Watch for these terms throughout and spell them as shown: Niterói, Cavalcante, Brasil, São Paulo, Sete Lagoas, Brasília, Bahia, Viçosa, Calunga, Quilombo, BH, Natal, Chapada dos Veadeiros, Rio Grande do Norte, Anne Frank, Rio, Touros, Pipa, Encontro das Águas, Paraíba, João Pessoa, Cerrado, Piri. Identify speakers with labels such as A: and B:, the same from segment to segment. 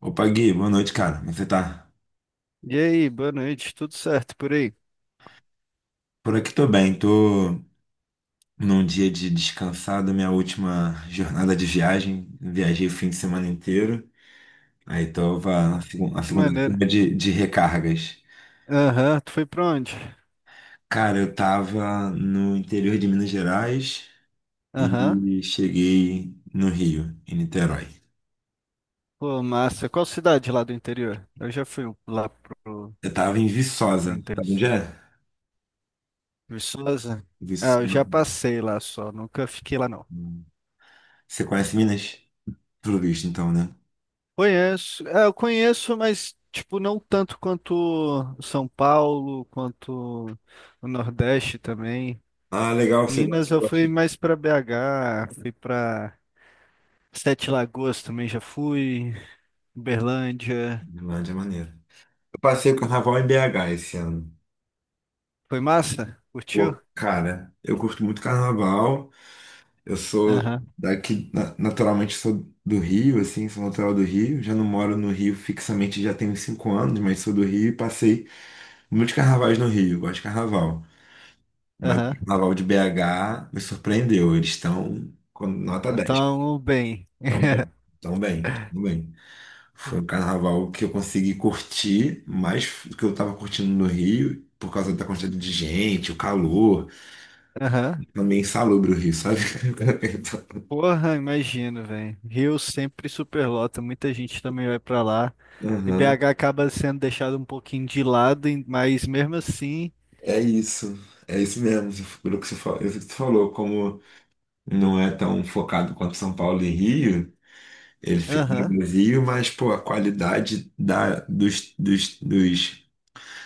A: Opa, Gui, boa noite, cara. Como você tá?
B: E aí, boa noite, tudo certo por aí? Que
A: Por aqui tô bem, tô num dia de descansado, minha última jornada de viagem. Viajei o fim de semana inteiro. Aí tava na
B: maneira.
A: segunda-feira de recargas.
B: Aham, tu foi pra onde?
A: Cara, eu tava no interior de Minas Gerais
B: Aham.
A: e cheguei no Rio, em Niterói.
B: Pô, massa. Qual cidade lá do interior? Eu já fui lá
A: Eu tava em
B: pro
A: Viçosa,
B: interior.
A: sabe onde é?
B: Viçosa? Ah, eu
A: Viçosa.
B: já passei lá só, nunca fiquei lá não.
A: Você conhece Minas? Tudo visto, então, né?
B: Conheço, é, eu conheço, mas tipo, não tanto quanto São Paulo, quanto o Nordeste também.
A: Ah, legal, você
B: Minas
A: gosta.
B: eu
A: Você
B: fui
A: gosta.
B: mais pra BH, fui pra Sete Lagoas também já fui, Uberlândia.
A: Lá de maneiro. Eu passei o carnaval em BH esse ano.
B: Foi massa? Curtiu?
A: Pô, cara, eu curto muito carnaval. Eu sou
B: Aham,
A: daqui, naturalmente sou do Rio, assim, sou natural do Rio. Já não moro no Rio fixamente, já tenho 5 anos, mas sou do Rio e passei muitos carnavais no Rio. Gosto de carnaval. Mas o
B: aham.
A: carnaval de BH me surpreendeu. Eles estão com nota 10,
B: Então, bem.
A: tão bem, tão bem, tão bem. Foi o carnaval que eu consegui curtir mais do que eu estava curtindo no Rio. Por causa da quantidade de gente, o calor,
B: Aham.
A: é meio insalubre o Rio, sabe?
B: Porra, imagino, velho. Rio sempre superlota, muita gente também vai pra lá. E
A: Aham.
B: BH acaba sendo deixado um pouquinho de lado, mas mesmo assim.
A: É isso. É isso mesmo. Pelo que você falou, isso que você falou, como não é tão focado quanto São Paulo e Rio, ele fica no
B: Aham.
A: Brasil, mas pô, a qualidade da, dos, dos, dos,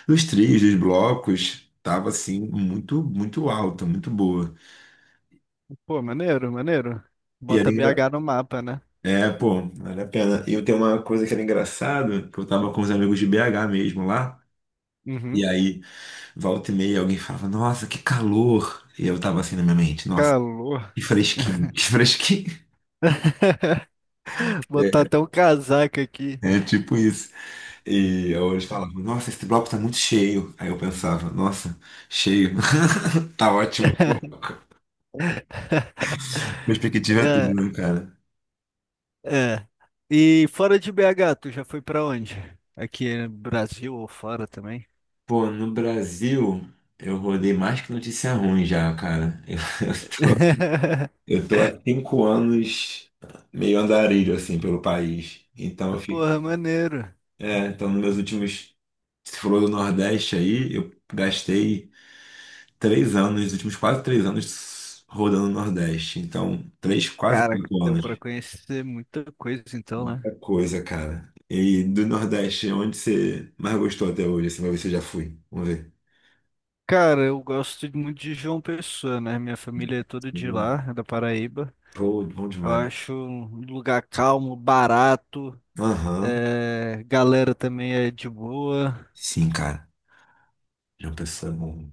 A: dos trios, dos blocos, tava assim, muito, muito alta, muito boa.
B: Pô, maneiro, maneiro.
A: E era,
B: Bota
A: engra-
B: BH no mapa, né?
A: é, pô, vale a pena. E eu tenho uma coisa que era engraçada, que eu tava com os amigos de BH mesmo lá. E
B: Uhum.
A: aí volta e meia alguém falava, nossa, que calor. E eu tava assim na minha mente, nossa,
B: Calor.
A: que fresquinho, que fresquinho.
B: Botar
A: É,
B: até um casaco aqui.
A: é, tipo isso. E eu, eles falavam, nossa, esse bloco tá muito cheio. Aí eu pensava, nossa, cheio, tá ótimo. Perspectiva é tudo,
B: É.
A: né, cara?
B: É. E fora de BH, tu já foi pra onde? Aqui no Brasil ou fora também?
A: Pô, no Brasil, eu rodei mais que notícia ruim já, cara. Eu, eu tô há 5 anos meio andarilho, assim, pelo país. Então eu fico.
B: Porra, maneiro.
A: É, então nos meus últimos Você falou do Nordeste aí, eu gastei 3 anos, os últimos quase 3 anos rodando o Nordeste. Então, três, quase
B: Cara,
A: quatro
B: deu
A: anos.
B: pra conhecer muita coisa então, né?
A: Muita coisa, cara. E do Nordeste, onde você mais gostou até hoje? Assim, vai ver se eu já fui. Vamos ver.
B: Cara, eu gosto muito de João Pessoa, né? Minha família é toda de
A: Bom,
B: lá, é da Paraíba.
A: pô, bom
B: Eu
A: demais.
B: acho um lugar calmo, barato,
A: Aham.
B: é, galera também é de boa.
A: Sim, cara. João Pessoa é bom.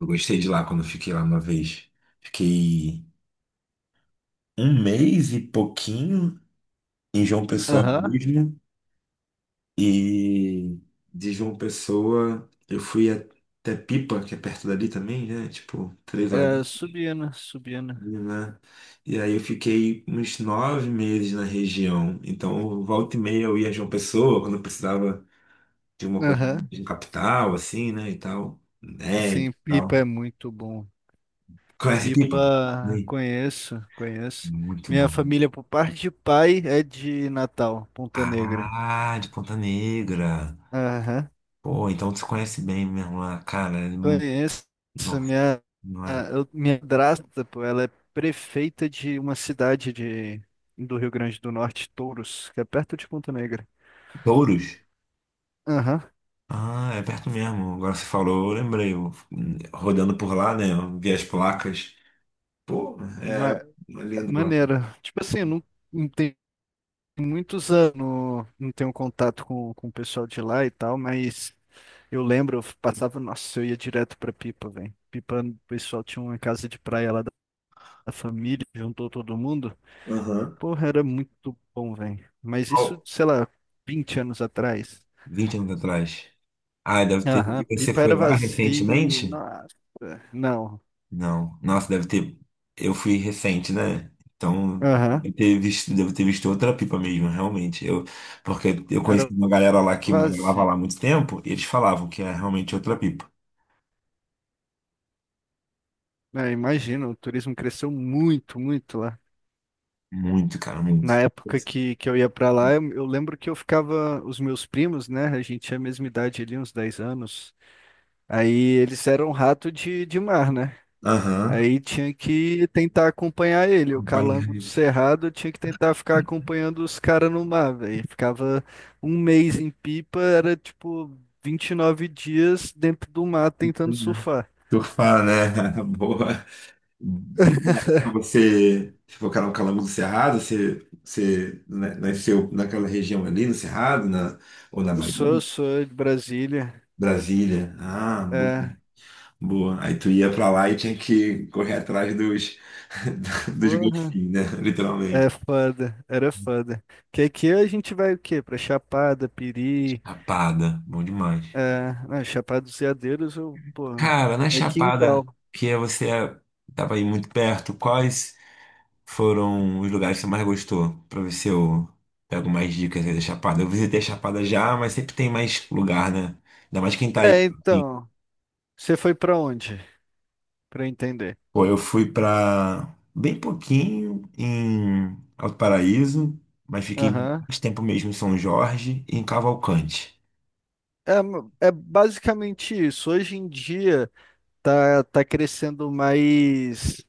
A: Eu gostei de lá quando eu fiquei lá uma vez. Fiquei um mês e pouquinho em João Pessoa
B: Aham.
A: mesmo. E de João Pessoa, eu fui até Pipa, que é perto dali também, né? Tipo, 3 horas,
B: É, Subiana, Subiana.
A: né? E aí eu fiquei uns 9 meses na região. Então, volta e meia eu ia a João Pessoa, quando eu precisava de uma coisa
B: Aham.
A: de um capital, assim, né? E tal. Né? E
B: Sim,
A: tal.
B: Pipa é muito bom.
A: Conhece Pipa?
B: Pipa,
A: Sim.
B: conheço, conheço.
A: Muito
B: Minha
A: bom.
B: família, por parte de pai, é de Natal, Ponta Negra.
A: Ah, de Ponta Negra.
B: Aham.
A: Pô, então você conhece bem mesmo lá, cara.
B: Conheço.
A: Nossa,
B: Minha,
A: não era.
B: minha madrasta, pô, ela é prefeita de uma cidade do Rio Grande do Norte, Touros, que é perto de Ponta Negra.
A: Touros?
B: Aham,
A: Ah, é perto mesmo. Agora você falou, eu lembrei. Eu, rodando por lá, né? Eu vi as placas. Pô,
B: ma-
A: é lindo lá.
B: Maneiro. Tipo assim, eu não, não tenho muitos anos, não tenho contato com o pessoal de lá e tal, mas. Eu lembro, eu passava, nossa, eu ia direto pra Pipa, velho. Pipa, o pessoal tinha uma casa de praia lá da família, juntou todo mundo.
A: Aham.
B: Porra, era muito bom, velho. Mas
A: Ó,
B: isso, sei lá, 20 anos atrás.
A: 20 anos atrás. Ah, deve ter.
B: Aham,
A: E você
B: Pipa
A: foi
B: era
A: lá
B: vazio,
A: recentemente?
B: nossa. Não,
A: Não. Nossa, deve ter. Eu fui recente, né? Então,
B: aham,
A: deve ter visto, devo ter visto outra pipa mesmo, realmente. Porque eu conheci
B: era
A: uma galera lá que morava
B: vazio.
A: lá há muito tempo e eles falavam que é realmente outra pipa.
B: É, imagino, o turismo cresceu muito, muito lá.
A: Muito, cara,
B: Na
A: muito.
B: época que eu ia pra lá, eu lembro que eu ficava, os meus primos, né, a gente tinha a mesma idade ali, uns 10 anos. Aí eles eram um rato de mar, né?
A: Aham.
B: Aí tinha que tentar acompanhar ele. O calango do
A: Acompanhei.
B: Cerrado tinha que tentar ficar acompanhando os caras no mar, velho. Ficava 1 mês em Pipa, era tipo 29 dias dentro do mar tentando
A: Né?
B: surfar.
A: Surfar, né? Boa. Dá pra você se focar no Calango do Cerrado, você nasceu naquela região ali, no Cerrado, ou na
B: Eu
A: Bahia,
B: sou, sou de Brasília.
A: Brasília. Ah, boa,
B: É,
A: boa. Aí tu ia pra lá e tinha que correr atrás dos, dos
B: porra,
A: golfinhos, né?
B: é
A: Literalmente.
B: foda, era foda. Que aqui a gente vai o quê? Pra Chapada, Piri,
A: Chapada, bom demais.
B: é, não, Chapada dos Veadeiros, eu, porra,
A: Cara, na
B: é
A: Chapada,
B: quintal.
A: que você estava aí muito perto, quais foram os lugares que você mais gostou? Pra ver se eu pego mais dicas aí da Chapada. Eu visitei a Chapada já, mas sempre tem mais lugar, né? Ainda mais quem tá aí.
B: É,
A: Assim.
B: então. Você foi pra onde? Pra eu entender.
A: Pô, eu fui pra bem pouquinho em Alto Paraíso, mas fiquei
B: Aham.
A: mais tempo mesmo em São Jorge e em Cavalcante.
B: É basicamente isso. Hoje em dia tá crescendo mais.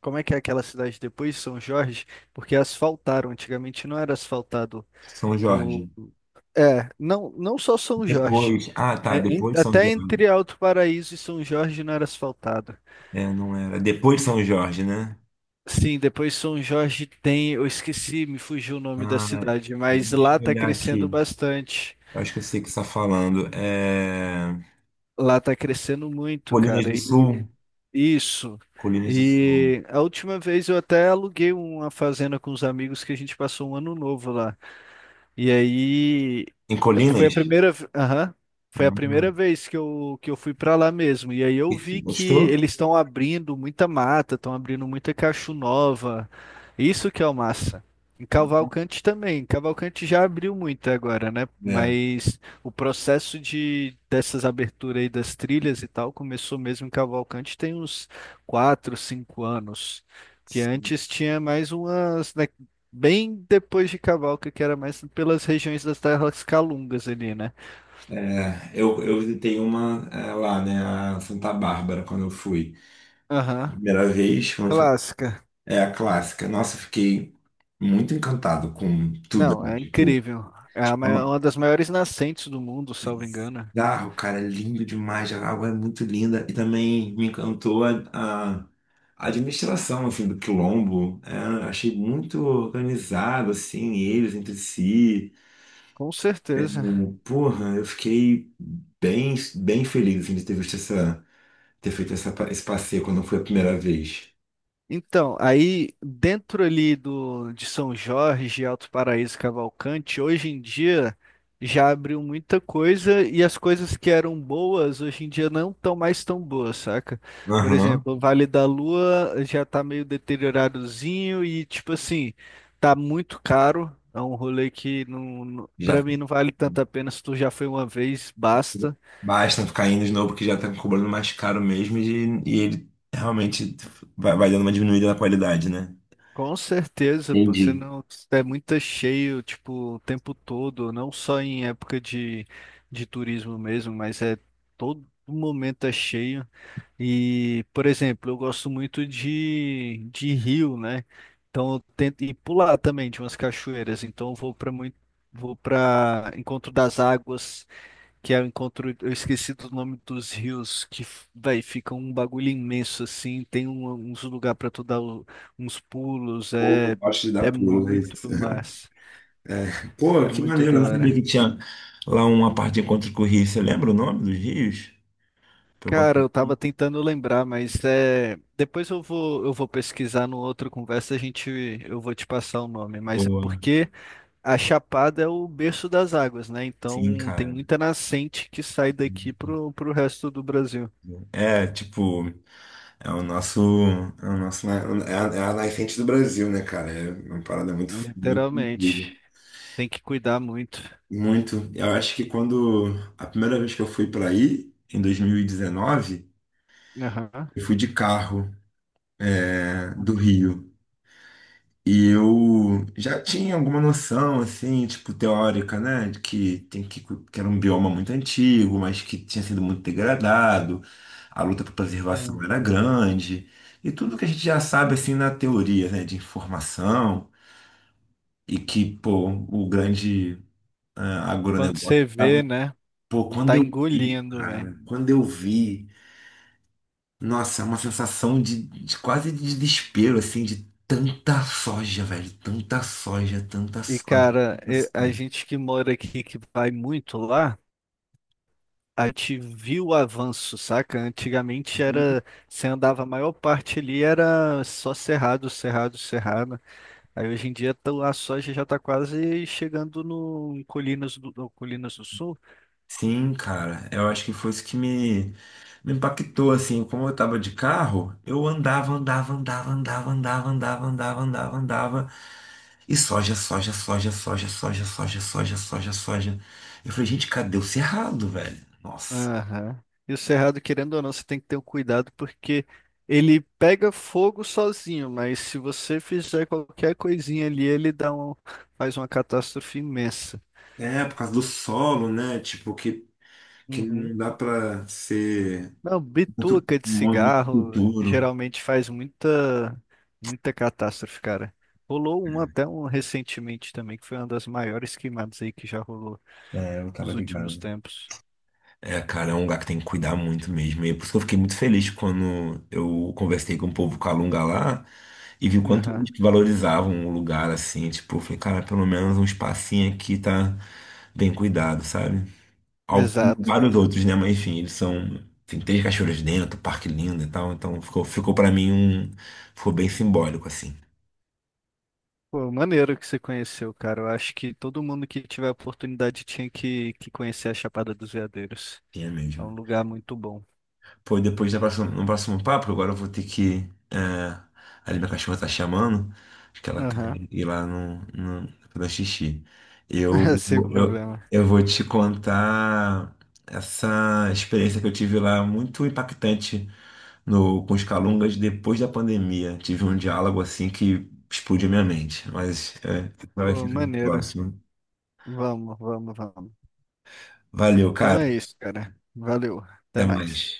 B: Como é que é aquela cidade depois, São Jorge? Porque asfaltaram. Antigamente não era asfaltado.
A: São
B: O...
A: Jorge.
B: É, não, não só São Jorge.
A: Depois. Ah, tá. Depois de São
B: Até
A: Jorge.
B: entre Alto Paraíso e São Jorge não era asfaltado.
A: É, não era. Depois de São Jorge, né?
B: Sim, depois São Jorge tem. Eu esqueci, me fugiu o nome da
A: Ah,
B: cidade, mas
A: deixa
B: lá
A: eu
B: tá
A: olhar
B: crescendo
A: aqui.
B: bastante.
A: Eu acho que eu sei o que você está falando. É...
B: Lá tá crescendo muito,
A: Colinas
B: cara.
A: do Sul.
B: Isso.
A: Colinas do Sul.
B: E a última vez eu até aluguei uma fazenda com os amigos que a gente passou um ano novo lá. E aí
A: Em
B: foi a
A: Colinas?
B: primeira, aham, foi a primeira
A: Uhum.
B: vez que que eu fui para lá mesmo. E aí eu vi
A: Perfeito.
B: que
A: Gostou?
B: eles estão abrindo muita mata, estão abrindo muita cacho nova. Isso que é o massa. Em Cavalcante também. Cavalcante já abriu muito agora, né?
A: É.
B: Mas o processo de dessas aberturas aí das trilhas e tal começou mesmo em Cavalcante tem uns 4, 5 anos. Porque antes tinha mais umas. Né, bem depois de Cavalca, que era mais pelas regiões das terras calungas ali, né?
A: Eu visitei uma lá, né, a Santa Bárbara, quando eu fui.
B: Aham,
A: Primeira vez, quando eu fui,
B: clássica.
A: é a clássica. Nossa, eu fiquei muito encantado com tudo
B: Não,
A: ali.
B: É
A: Tipo,
B: incrível.
A: é uma...
B: Uma das maiores nascentes do mundo, salvo engano.
A: bizarro, cara, é lindo demais, a água é muito linda. E também me encantou a, a a administração, assim, do Quilombo. É, achei muito organizado, assim, eles entre si.
B: Com
A: É,
B: certeza.
A: porra, eu fiquei bem, bem feliz assim, de ter visto essa, ter feito essa, esse passeio quando foi a primeira vez.
B: Então, aí dentro ali de São Jorge, Alto Paraíso, Cavalcante, hoje em dia já abriu muita coisa e as coisas que eram boas hoje em dia não estão mais tão boas, saca? Por
A: Aham.
B: exemplo, o Vale da Lua já tá meio deterioradozinho e tipo assim, tá muito caro. É um rolê que não, para
A: Já
B: mim não vale tanto a pena se tu já foi uma vez, basta.
A: basta ficar indo de novo, porque já tá cobrando mais caro mesmo e ele realmente vai dando uma diminuída na qualidade, né?
B: Com certeza, pô, você
A: Entendi.
B: não é muito cheio, tipo, o tempo todo, não só em época de turismo mesmo, mas é todo momento é cheio. E, por exemplo, eu gosto muito de rio, né? Então eu tento e pular também de umas cachoeiras, então eu vou para muito vou para Encontro das Águas que é o encontro, eu esqueci do nome dos rios, véi, fica um bagulho imenso, assim, uns lugar pra tu dar uns pulos,
A: Pô, eu
B: é,
A: gosto de dar
B: é
A: pulo. É
B: muito
A: isso.
B: massa,
A: É. Pô,
B: é
A: que
B: muito
A: maneiro,
B: da
A: eu não sabia que
B: hora.
A: tinha lá uma parte de encontro com o Rio. Você lembra o nome dos rios? Pra eu botar
B: Cara, eu tava
A: aqui.
B: tentando lembrar, mas é, depois eu vou pesquisar no outro conversa, a gente, eu vou te passar o nome, mas é
A: Boa.
B: porque a Chapada é o berço das águas, né?
A: Sim,
B: Então tem
A: cara.
B: muita nascente que sai daqui pro resto do Brasil,
A: É, tipo. É o nosso, é o nosso, é a, é a nascente do Brasil, né, cara? É uma parada muito, muito incrível.
B: literalmente. Tem que cuidar muito.
A: Muito. Eu acho que quando a primeira vez que eu fui para aí, em 2019,
B: Aham,
A: eu fui de carro, né, do
B: aham.
A: Rio. E eu já tinha alguma noção, assim, tipo, teórica, né? De que era um bioma muito antigo, mas que tinha sido muito degradado, a luta por preservação
B: Sim.
A: era grande, e tudo que a gente já sabe, assim, na teoria, né? De informação. E que, pô, o grande ah,
B: Quando
A: agronegócio
B: você vê,
A: tava.
B: né?
A: Pô, quando
B: Tá
A: eu vi,
B: engolindo, velho.
A: cara, quando eu vi, nossa, é uma sensação de quase de desespero, assim, de tanta soja, velho, tanta soja, tanta
B: E,
A: soja,
B: cara,
A: tanta
B: a
A: soja.
B: gente que mora aqui, que vai muito lá, a gente viu o avanço, saca? Antigamente era, você andava a maior parte ali, era só cerrado, cerrado, cerrado. Aí hoje em dia a soja já tá quase chegando no em Colinas no Colinas do Sul.
A: Sim, cara, eu acho que foi isso que me impactou, assim, como eu tava de carro, eu andava, andava, andava, andava, andava, andava, andava, andava, andava, e soja, soja, soja, soja, soja, soja, soja, soja, soja. Eu falei, gente, cadê o cerrado, velho? Nossa.
B: Aham. E o cerrado, querendo ou não, você tem que ter um cuidado porque ele pega fogo sozinho, mas se você fizer qualquer coisinha ali, ele dá um, faz uma catástrofe imensa.
A: É, por causa do solo, né, tipo, que
B: Uhum.
A: não dá pra ser
B: Não,
A: muito,
B: bituca de
A: muito, muito
B: cigarro
A: duro.
B: geralmente faz muita catástrofe, cara. Rolou uma até um recentemente também, que foi uma das maiores queimadas aí que já rolou
A: É, eu tava
B: nos últimos
A: ligado.
B: tempos.
A: É, cara, é um lugar que tem que cuidar muito mesmo. E é por isso que eu fiquei muito feliz quando eu conversei com o povo Calunga lá e vi o quanto
B: Aham.
A: eles valorizavam o lugar, assim. Tipo, eu falei, cara, pelo menos um espacinho aqui tá bem cuidado, sabe? Al-
B: Exato.
A: Vários outros, né? Mas enfim, eles são. Tem três cachoeiras dentro, parque lindo e tal. Então ficou para mim um. Ficou bem simbólico, assim.
B: Pô, maneiro que você conheceu, cara. Eu acho que todo mundo que tiver a oportunidade tinha que conhecer a Chapada dos Veadeiros.
A: Tinha
B: É
A: mesmo.
B: um lugar muito bom.
A: Pô, depois no próximo papo, agora eu vou ter que. É, ali minha cachorra tá chamando, acho que ela quer
B: Aham.
A: ir lá no, no, fazer xixi. Eu,
B: Sem
A: eu,
B: problema.
A: eu vou te contar essa experiência que eu tive lá, muito impactante no, com os Calungas depois da pandemia. Tive um diálogo assim que explodiu minha mente, mas é, vai
B: Pô,
A: ficar no
B: maneiro.
A: próximo.
B: Vamos, vamos, vamos.
A: Valeu,
B: Então é
A: cara.
B: isso, cara. Valeu. Até
A: Até mais.
B: mais.